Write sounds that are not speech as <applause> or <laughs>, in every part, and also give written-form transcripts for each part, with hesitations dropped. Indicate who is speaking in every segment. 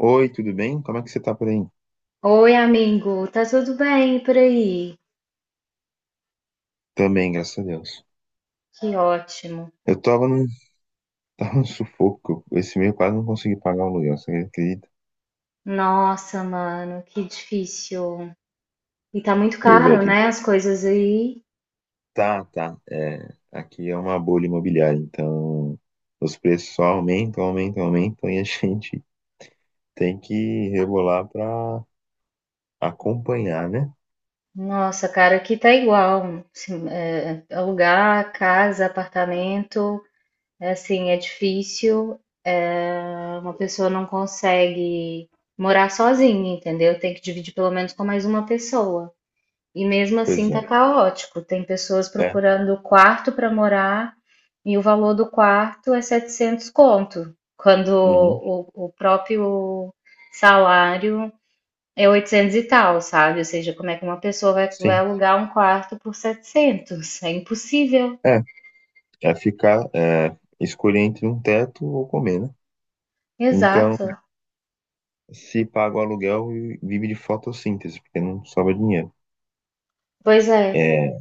Speaker 1: Oi, tudo bem? Como é que você tá por aí?
Speaker 2: Oi, amigo, tá tudo bem por aí?
Speaker 1: Também, graças a Deus.
Speaker 2: Que ótimo.
Speaker 1: Eu tava num, <laughs> tava num sufoco. Esse mês eu quase não consegui pagar o aluguel, você acredita?
Speaker 2: Nossa, mano, que difícil. E tá muito
Speaker 1: Pois é,
Speaker 2: caro,
Speaker 1: gente.
Speaker 2: né? As coisas aí.
Speaker 1: Tá, tá. É, aqui é uma bolha imobiliária, então os preços só aumentam, aumentam, aumentam e a <laughs> gente tem que rebolar pra acompanhar, né?
Speaker 2: Nossa, cara, aqui tá igual. Assim, é, alugar casa, apartamento, é, assim, é difícil. É, uma pessoa não consegue morar sozinha, entendeu? Tem que dividir pelo menos com mais uma pessoa. E mesmo assim
Speaker 1: Pois é.
Speaker 2: tá caótico. Tem pessoas
Speaker 1: É.
Speaker 2: procurando quarto para morar e o valor do quarto é 700 conto, quando
Speaker 1: Uhum.
Speaker 2: o próprio salário é 800 e tal, sabe? Ou seja, como é que uma pessoa vai
Speaker 1: Sim.
Speaker 2: alugar um quarto por 700? É impossível.
Speaker 1: É. É ficar, escolher entre um teto ou comer, né? Então,
Speaker 2: Exato.
Speaker 1: se paga o aluguel, vive de fotossíntese, porque não sobra dinheiro.
Speaker 2: Pois é,
Speaker 1: É,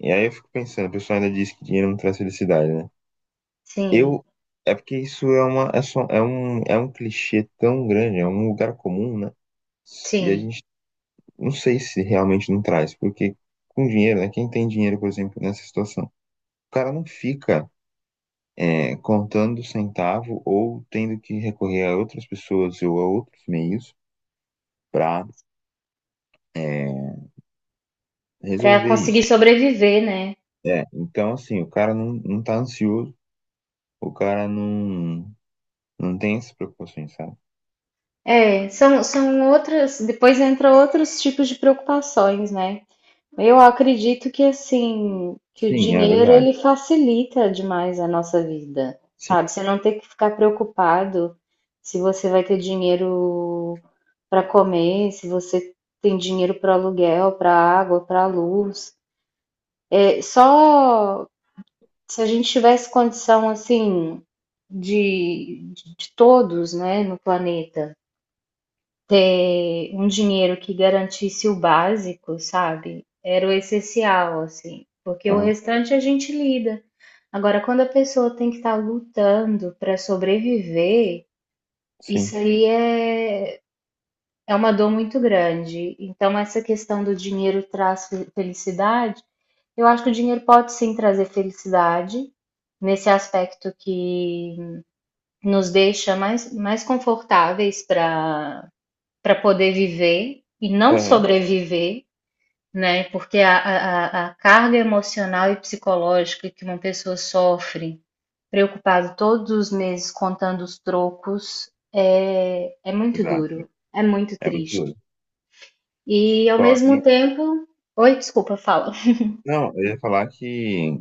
Speaker 1: e aí eu fico pensando, o pessoal ainda diz que dinheiro não traz felicidade, né?
Speaker 2: sim,
Speaker 1: Eu, é porque isso é uma, é um clichê tão grande, é um lugar comum, né? E a
Speaker 2: sim.
Speaker 1: gente não sei se realmente não traz, porque com dinheiro, né? Quem tem dinheiro, por exemplo, nessa situação, o cara não fica contando centavo ou tendo que recorrer a outras pessoas ou a outros meios para
Speaker 2: Para
Speaker 1: resolver
Speaker 2: conseguir
Speaker 1: isso.
Speaker 2: sobreviver, né?
Speaker 1: É, então assim, o cara não, não tá ansioso, o cara não não tem essas preocupações, sabe?
Speaker 2: É, são outras. Depois entra outros tipos de preocupações, né? Eu acredito que assim, que o
Speaker 1: Sim, é
Speaker 2: dinheiro
Speaker 1: verdade.
Speaker 2: ele facilita demais a nossa vida,
Speaker 1: Sim.
Speaker 2: sabe? Você não ter que ficar preocupado se você vai ter dinheiro para comer, se você tem dinheiro para aluguel, para água, para luz. É, só se a gente tivesse condição assim de todos, né, no planeta ter um dinheiro que garantisse o básico, sabe? Era o essencial, assim, porque o
Speaker 1: Aham,
Speaker 2: restante a gente lida. Agora, quando a pessoa tem que estar lutando para sobreviver, isso
Speaker 1: sim.
Speaker 2: aí é uma dor muito grande. Então, essa questão do dinheiro traz felicidade, eu acho que o dinheiro pode sim trazer felicidade, nesse aspecto que nos deixa mais confortáveis para poder viver e não
Speaker 1: Aham,
Speaker 2: sobreviver, né? Porque a carga emocional e psicológica que uma pessoa sofre, preocupado todos os meses contando os trocos, é muito
Speaker 1: exato.
Speaker 2: duro, é muito
Speaker 1: É muito
Speaker 2: triste.
Speaker 1: duro.
Speaker 2: E ao
Speaker 1: Só,
Speaker 2: mesmo
Speaker 1: e,
Speaker 2: tempo. Oi, desculpa, fala.
Speaker 1: não, eu ia falar que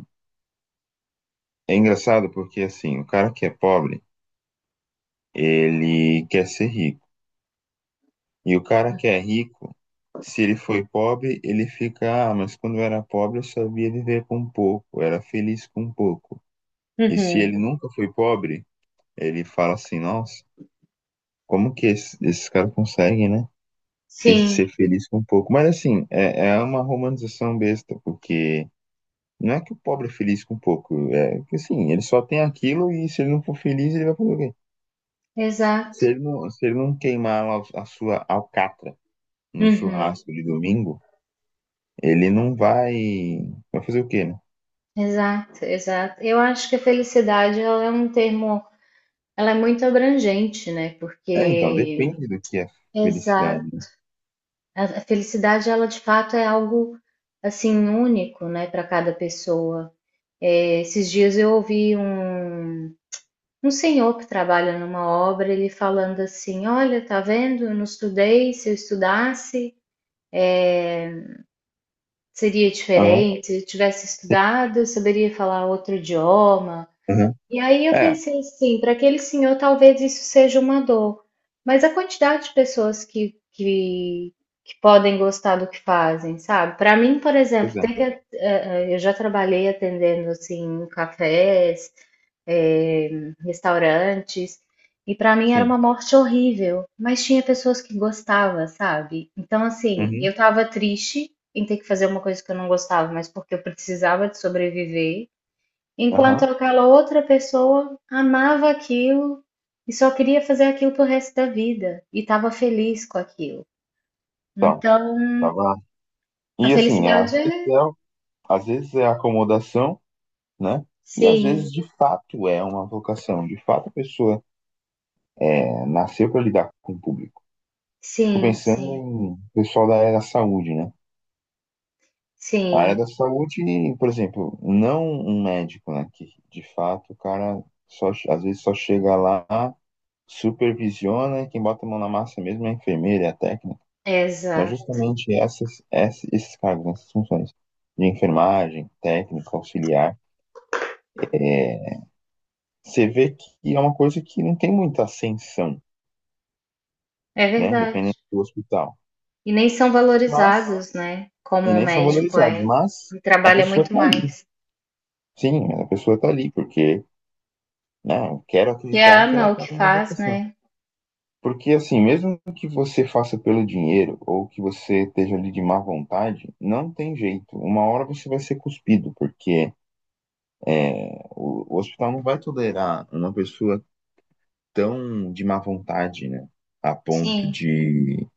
Speaker 1: é engraçado porque, assim, o cara que é pobre, ele quer ser rico. E o cara que é rico, se ele foi pobre, ele fica, ah, mas quando eu era pobre eu sabia viver com pouco, eu era feliz com pouco. E se
Speaker 2: Uhum.
Speaker 1: ele nunca foi pobre, ele fala assim, nossa, como que esses caras conseguem, né? Fiz
Speaker 2: Sim,
Speaker 1: ser feliz com pouco. Mas assim, é, é uma romantização besta, porque não é que o pobre é feliz com pouco, é que assim, ele só tem aquilo e se ele não for feliz, ele vai fazer o quê?
Speaker 2: exato.
Speaker 1: Se ele não queimar a sua alcatra no
Speaker 2: Uhum.
Speaker 1: churrasco de domingo, ele não vai. Vai fazer o quê, né?
Speaker 2: Exato, exato. Eu acho que a felicidade ela é um termo, ela é muito abrangente, né?
Speaker 1: É, então,
Speaker 2: Porque,
Speaker 1: depende do que é
Speaker 2: exato.
Speaker 1: felicidade.
Speaker 2: A felicidade, ela de fato é algo assim único, né, para cada pessoa. Esses dias eu ouvi um senhor que trabalha numa obra, ele falando assim: Olha, tá vendo? Eu não estudei. Se eu estudasse, seria
Speaker 1: Aham,
Speaker 2: diferente. Se eu tivesse estudado, eu saberia falar outro idioma.
Speaker 1: aham.
Speaker 2: E aí eu
Speaker 1: É,
Speaker 2: pensei assim, para aquele senhor talvez isso seja uma dor, mas a quantidade de pessoas que podem gostar do que fazem, sabe? Para mim, por
Speaker 1: pois
Speaker 2: exemplo,
Speaker 1: é,
Speaker 2: tem que, eh, eh, eu já trabalhei atendendo assim cafés, eh, restaurantes, e para mim era
Speaker 1: sim.
Speaker 2: uma morte horrível, mas tinha pessoas que gostavam, sabe? Então assim, eu
Speaker 1: Uhum,
Speaker 2: estava triste em ter que fazer uma coisa que eu não gostava, mas porque eu precisava de sobreviver. Enquanto
Speaker 1: aham.
Speaker 2: aquela outra pessoa amava aquilo e só queria fazer aquilo pro resto da vida e estava feliz com aquilo.
Speaker 1: Tá,
Speaker 2: Então,
Speaker 1: tá bom.
Speaker 2: a
Speaker 1: E assim, às
Speaker 2: felicidade é
Speaker 1: vezes é, às vezes é acomodação. Né? E às
Speaker 2: sim,
Speaker 1: vezes, de fato, é uma vocação, de fato a pessoa é, nasceu para lidar com o público. Fico
Speaker 2: sim,
Speaker 1: pensando
Speaker 2: sim,
Speaker 1: em pessoal da área da saúde, né? A área
Speaker 2: sim,
Speaker 1: da saúde, por exemplo, não um médico, né? Que de fato o cara só, às vezes só chega lá, supervisiona e quem bota a mão na massa mesmo é a enfermeira, é a técnica. Mas
Speaker 2: exato.
Speaker 1: justamente esses cargos, né? Essas funções de enfermagem, técnica, auxiliar, é, você vê que é uma coisa que não tem muita ascensão,
Speaker 2: É
Speaker 1: né?
Speaker 2: verdade.
Speaker 1: Dependendo do hospital.
Speaker 2: E nem são
Speaker 1: Mas,
Speaker 2: valorizados, né? Como
Speaker 1: e
Speaker 2: o
Speaker 1: nem são
Speaker 2: médico
Speaker 1: valorizados,
Speaker 2: é.
Speaker 1: mas
Speaker 2: Ele
Speaker 1: a
Speaker 2: trabalha
Speaker 1: pessoa
Speaker 2: muito
Speaker 1: tá ali.
Speaker 2: mais.
Speaker 1: Sim, a pessoa tá ali, porque, né? Eu quero
Speaker 2: E
Speaker 1: acreditar que
Speaker 2: ama
Speaker 1: ela
Speaker 2: o
Speaker 1: tá
Speaker 2: que
Speaker 1: numa
Speaker 2: faz,
Speaker 1: vocação.
Speaker 2: né?
Speaker 1: Porque, assim, mesmo que você faça pelo dinheiro ou que você esteja ali de má vontade, não tem jeito. Uma hora você vai ser cuspido, porque o hospital não vai tolerar uma pessoa tão de má vontade, né? A ponto
Speaker 2: Sim,
Speaker 1: de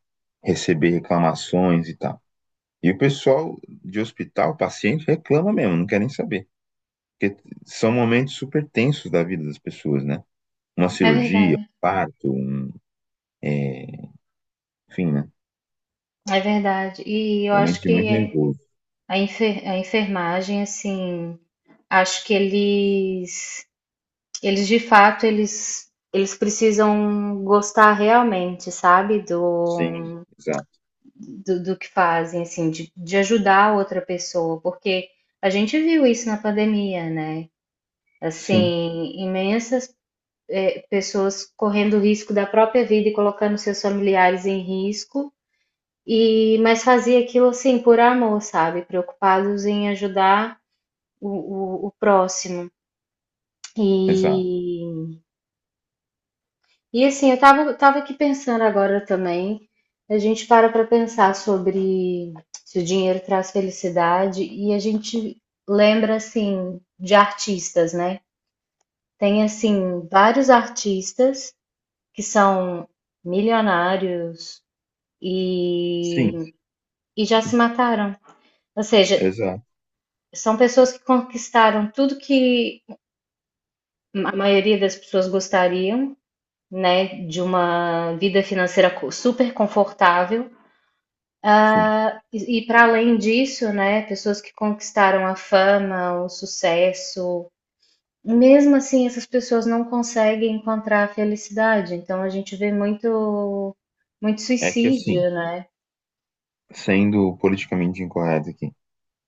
Speaker 1: receber reclamações e tal. E o pessoal de hospital, paciente, reclama mesmo, não quer nem saber. Porque são momentos super tensos da vida das pessoas, né? Uma
Speaker 2: é
Speaker 1: cirurgia,
Speaker 2: verdade.
Speaker 1: um parto, um, é, enfim, né?
Speaker 2: É verdade. E eu acho
Speaker 1: Momentos de muito
Speaker 2: que
Speaker 1: nervoso.
Speaker 2: a enfermagem, assim, acho que eles de fato eles precisam gostar realmente, sabe,
Speaker 1: Sim,
Speaker 2: do
Speaker 1: exato.
Speaker 2: do que fazem, assim, de ajudar a outra pessoa, porque a gente viu isso na pandemia, né?
Speaker 1: Sim,
Speaker 2: Assim, imensas pessoas correndo risco da própria vida e colocando seus familiares em risco, e mas fazia aquilo assim por amor, sabe? Preocupados em ajudar o próximo.
Speaker 1: exato.
Speaker 2: E E assim, eu tava aqui pensando agora também. A gente para para pensar sobre se o dinheiro traz felicidade e a gente lembra assim de artistas, né? Tem assim vários artistas que são milionários
Speaker 1: Sim,
Speaker 2: e, e já se mataram. Ou seja,
Speaker 1: exato.
Speaker 2: são pessoas que conquistaram tudo que a maioria das pessoas gostariam, né? De uma vida financeira super confortável.
Speaker 1: Sim.
Speaker 2: Ah, e para além disso, né, pessoas que conquistaram a fama, o sucesso, mesmo assim, essas pessoas não conseguem encontrar a felicidade. Então, a gente vê muito, muito
Speaker 1: É que
Speaker 2: suicídio,
Speaker 1: assim,
Speaker 2: né,
Speaker 1: sendo politicamente incorreto aqui,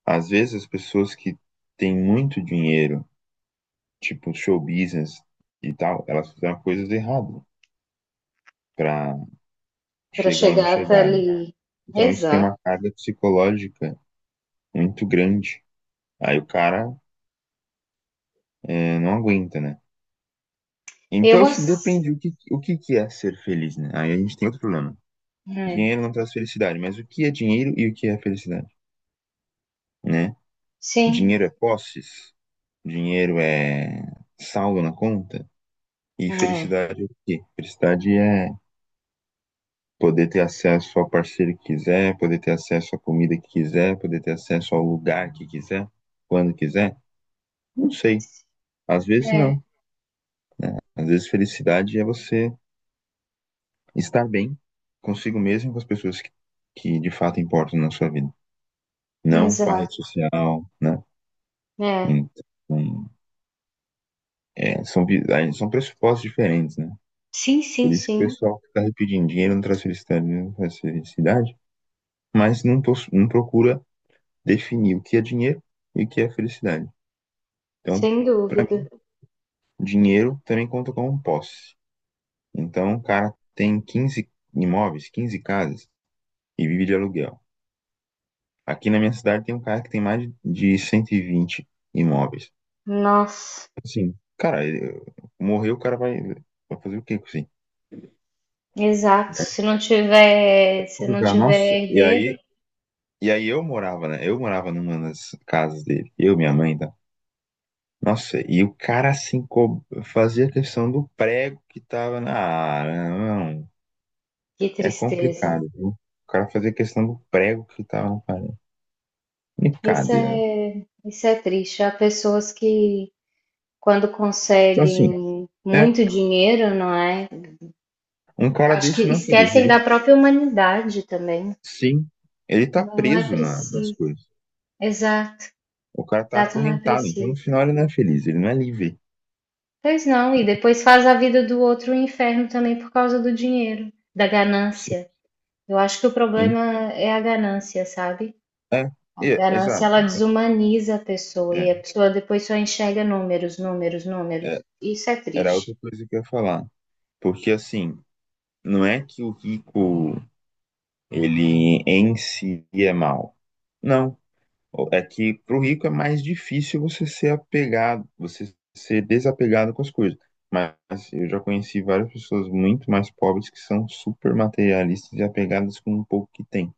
Speaker 1: às vezes as pessoas que têm muito dinheiro, tipo show business e tal, elas fizeram coisas erradas para
Speaker 2: para
Speaker 1: chegar onde
Speaker 2: chegar até
Speaker 1: chegaram.
Speaker 2: ali.
Speaker 1: Então isso tem
Speaker 2: Exato.
Speaker 1: uma carga psicológica muito grande. Aí o cara não aguenta, né? Então,
Speaker 2: Eu
Speaker 1: assim,
Speaker 2: assim,
Speaker 1: depende o que, que é ser feliz, né? Aí a gente tem outro problema.
Speaker 2: é,
Speaker 1: Dinheiro não traz felicidade, mas o que é dinheiro e o que é felicidade, né?
Speaker 2: sim,
Speaker 1: Dinheiro é posses, dinheiro é saldo na conta, e
Speaker 2: é,
Speaker 1: felicidade é o quê? Felicidade é poder ter acesso ao parceiro que quiser, poder ter acesso à comida que quiser, poder ter acesso ao lugar que quiser, quando quiser. Não sei. Às vezes
Speaker 2: é,
Speaker 1: não. Às vezes felicidade é você estar bem consigo mesmo e com as pessoas que de fato importam na sua vida, não com a rede
Speaker 2: exato,
Speaker 1: social, né?
Speaker 2: é.
Speaker 1: Então, é, são, vi- aí são pressupostos diferentes, né?
Speaker 2: Sim,
Speaker 1: Por
Speaker 2: sim,
Speaker 1: isso que o
Speaker 2: sim,
Speaker 1: pessoal que está pedindo dinheiro não traz felicidade, não traz felicidade, mas não, pos- não procura definir o que é dinheiro e o que é felicidade. Então,
Speaker 2: sem
Speaker 1: para
Speaker 2: dúvida.
Speaker 1: mim, dinheiro também conta como posse. Então, o cara tem 15 imóveis, 15 casas e vive de aluguel. Aqui na minha cidade tem um cara que tem mais de 120 imóveis.
Speaker 2: Nossa,
Speaker 1: Assim, cara, ele morreu, o cara vai, vai fazer o quê com isso? Aí?
Speaker 2: exato. Se
Speaker 1: É
Speaker 2: não tiver, se não
Speaker 1: complicado.
Speaker 2: tiver
Speaker 1: Nossa, e
Speaker 2: herdeiro.
Speaker 1: aí, e aí eu morava, né? Eu morava numa das casas dele, eu, minha mãe, tá? Nossa, e o cara assim fazia questão do prego que tava na área. Não,
Speaker 2: Que
Speaker 1: é
Speaker 2: tristeza.
Speaker 1: complicado, viu? O cara fazia questão do prego que tava na parede.
Speaker 2: Isso
Speaker 1: Brincadeira.
Speaker 2: é, isso é triste. Há pessoas que, quando
Speaker 1: Então, assim,
Speaker 2: conseguem
Speaker 1: é,
Speaker 2: muito dinheiro, não é?
Speaker 1: um cara
Speaker 2: Acho que
Speaker 1: desse não é feliz.
Speaker 2: esquecem
Speaker 1: Ele
Speaker 2: da própria humanidade também.
Speaker 1: Sim, ele tá
Speaker 2: Não é
Speaker 1: preso nas
Speaker 2: preciso.
Speaker 1: coisas.
Speaker 2: Exato,
Speaker 1: O cara tá
Speaker 2: exato, não é
Speaker 1: acorrentado, então no
Speaker 2: preciso.
Speaker 1: final ele não é feliz, ele não é livre.
Speaker 2: Pois não, e depois faz a vida do outro um inferno também por causa do dinheiro, da ganância. Eu acho que o
Speaker 1: Sim,
Speaker 2: problema é a ganância, sabe?
Speaker 1: é,
Speaker 2: A ganância
Speaker 1: exato.
Speaker 2: ela
Speaker 1: Então,
Speaker 2: desumaniza a pessoa e
Speaker 1: é,
Speaker 2: a pessoa depois só enxerga números, números, números.
Speaker 1: é,
Speaker 2: Isso é
Speaker 1: era
Speaker 2: triste.
Speaker 1: outra coisa que eu ia falar. Porque assim, não é que o rico, ele em si é mau. Não. O- É que pro rico é mais difícil você ser apegado, você ser desapegado com as coisas. Mas eu já conheci várias pessoas muito mais pobres que são super materialistas e apegadas com o pouco que têm.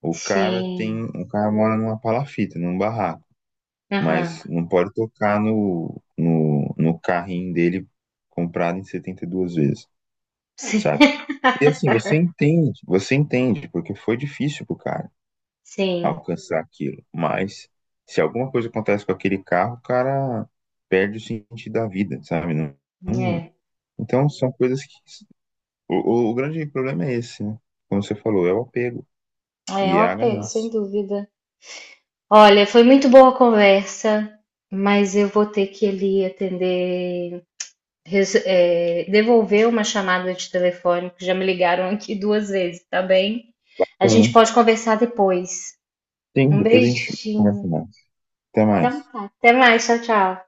Speaker 1: O cara
Speaker 2: Sim,
Speaker 1: tem, o cara mora numa palafita, num barraco,
Speaker 2: aham,
Speaker 1: mas não pode tocar no carrinho dele comprado em 72 vezes, sabe?
Speaker 2: sim,
Speaker 1: E assim, você entende, porque foi difícil pro cara
Speaker 2: <laughs> sim,
Speaker 1: alcançar aquilo, mas se alguma coisa acontece com aquele carro, o cara perde o sentido da vida, sabe? Não-
Speaker 2: é.
Speaker 1: então são coisas que o, o grande problema é esse, né? Como você falou, é o apego
Speaker 2: É um
Speaker 1: e é a
Speaker 2: apego, sem
Speaker 1: ganância.
Speaker 2: dúvida. Olha, foi muito boa a conversa, mas eu vou ter que ali atender, devolver uma chamada de telefone, que já me ligaram aqui 2 vezes, tá bem? A
Speaker 1: Então,
Speaker 2: gente
Speaker 1: né?
Speaker 2: pode conversar depois.
Speaker 1: Sim,
Speaker 2: Um
Speaker 1: depois a gente conversa
Speaker 2: beijinho.
Speaker 1: mais. Até mais.
Speaker 2: Então tá, até mais, tchau, tchau.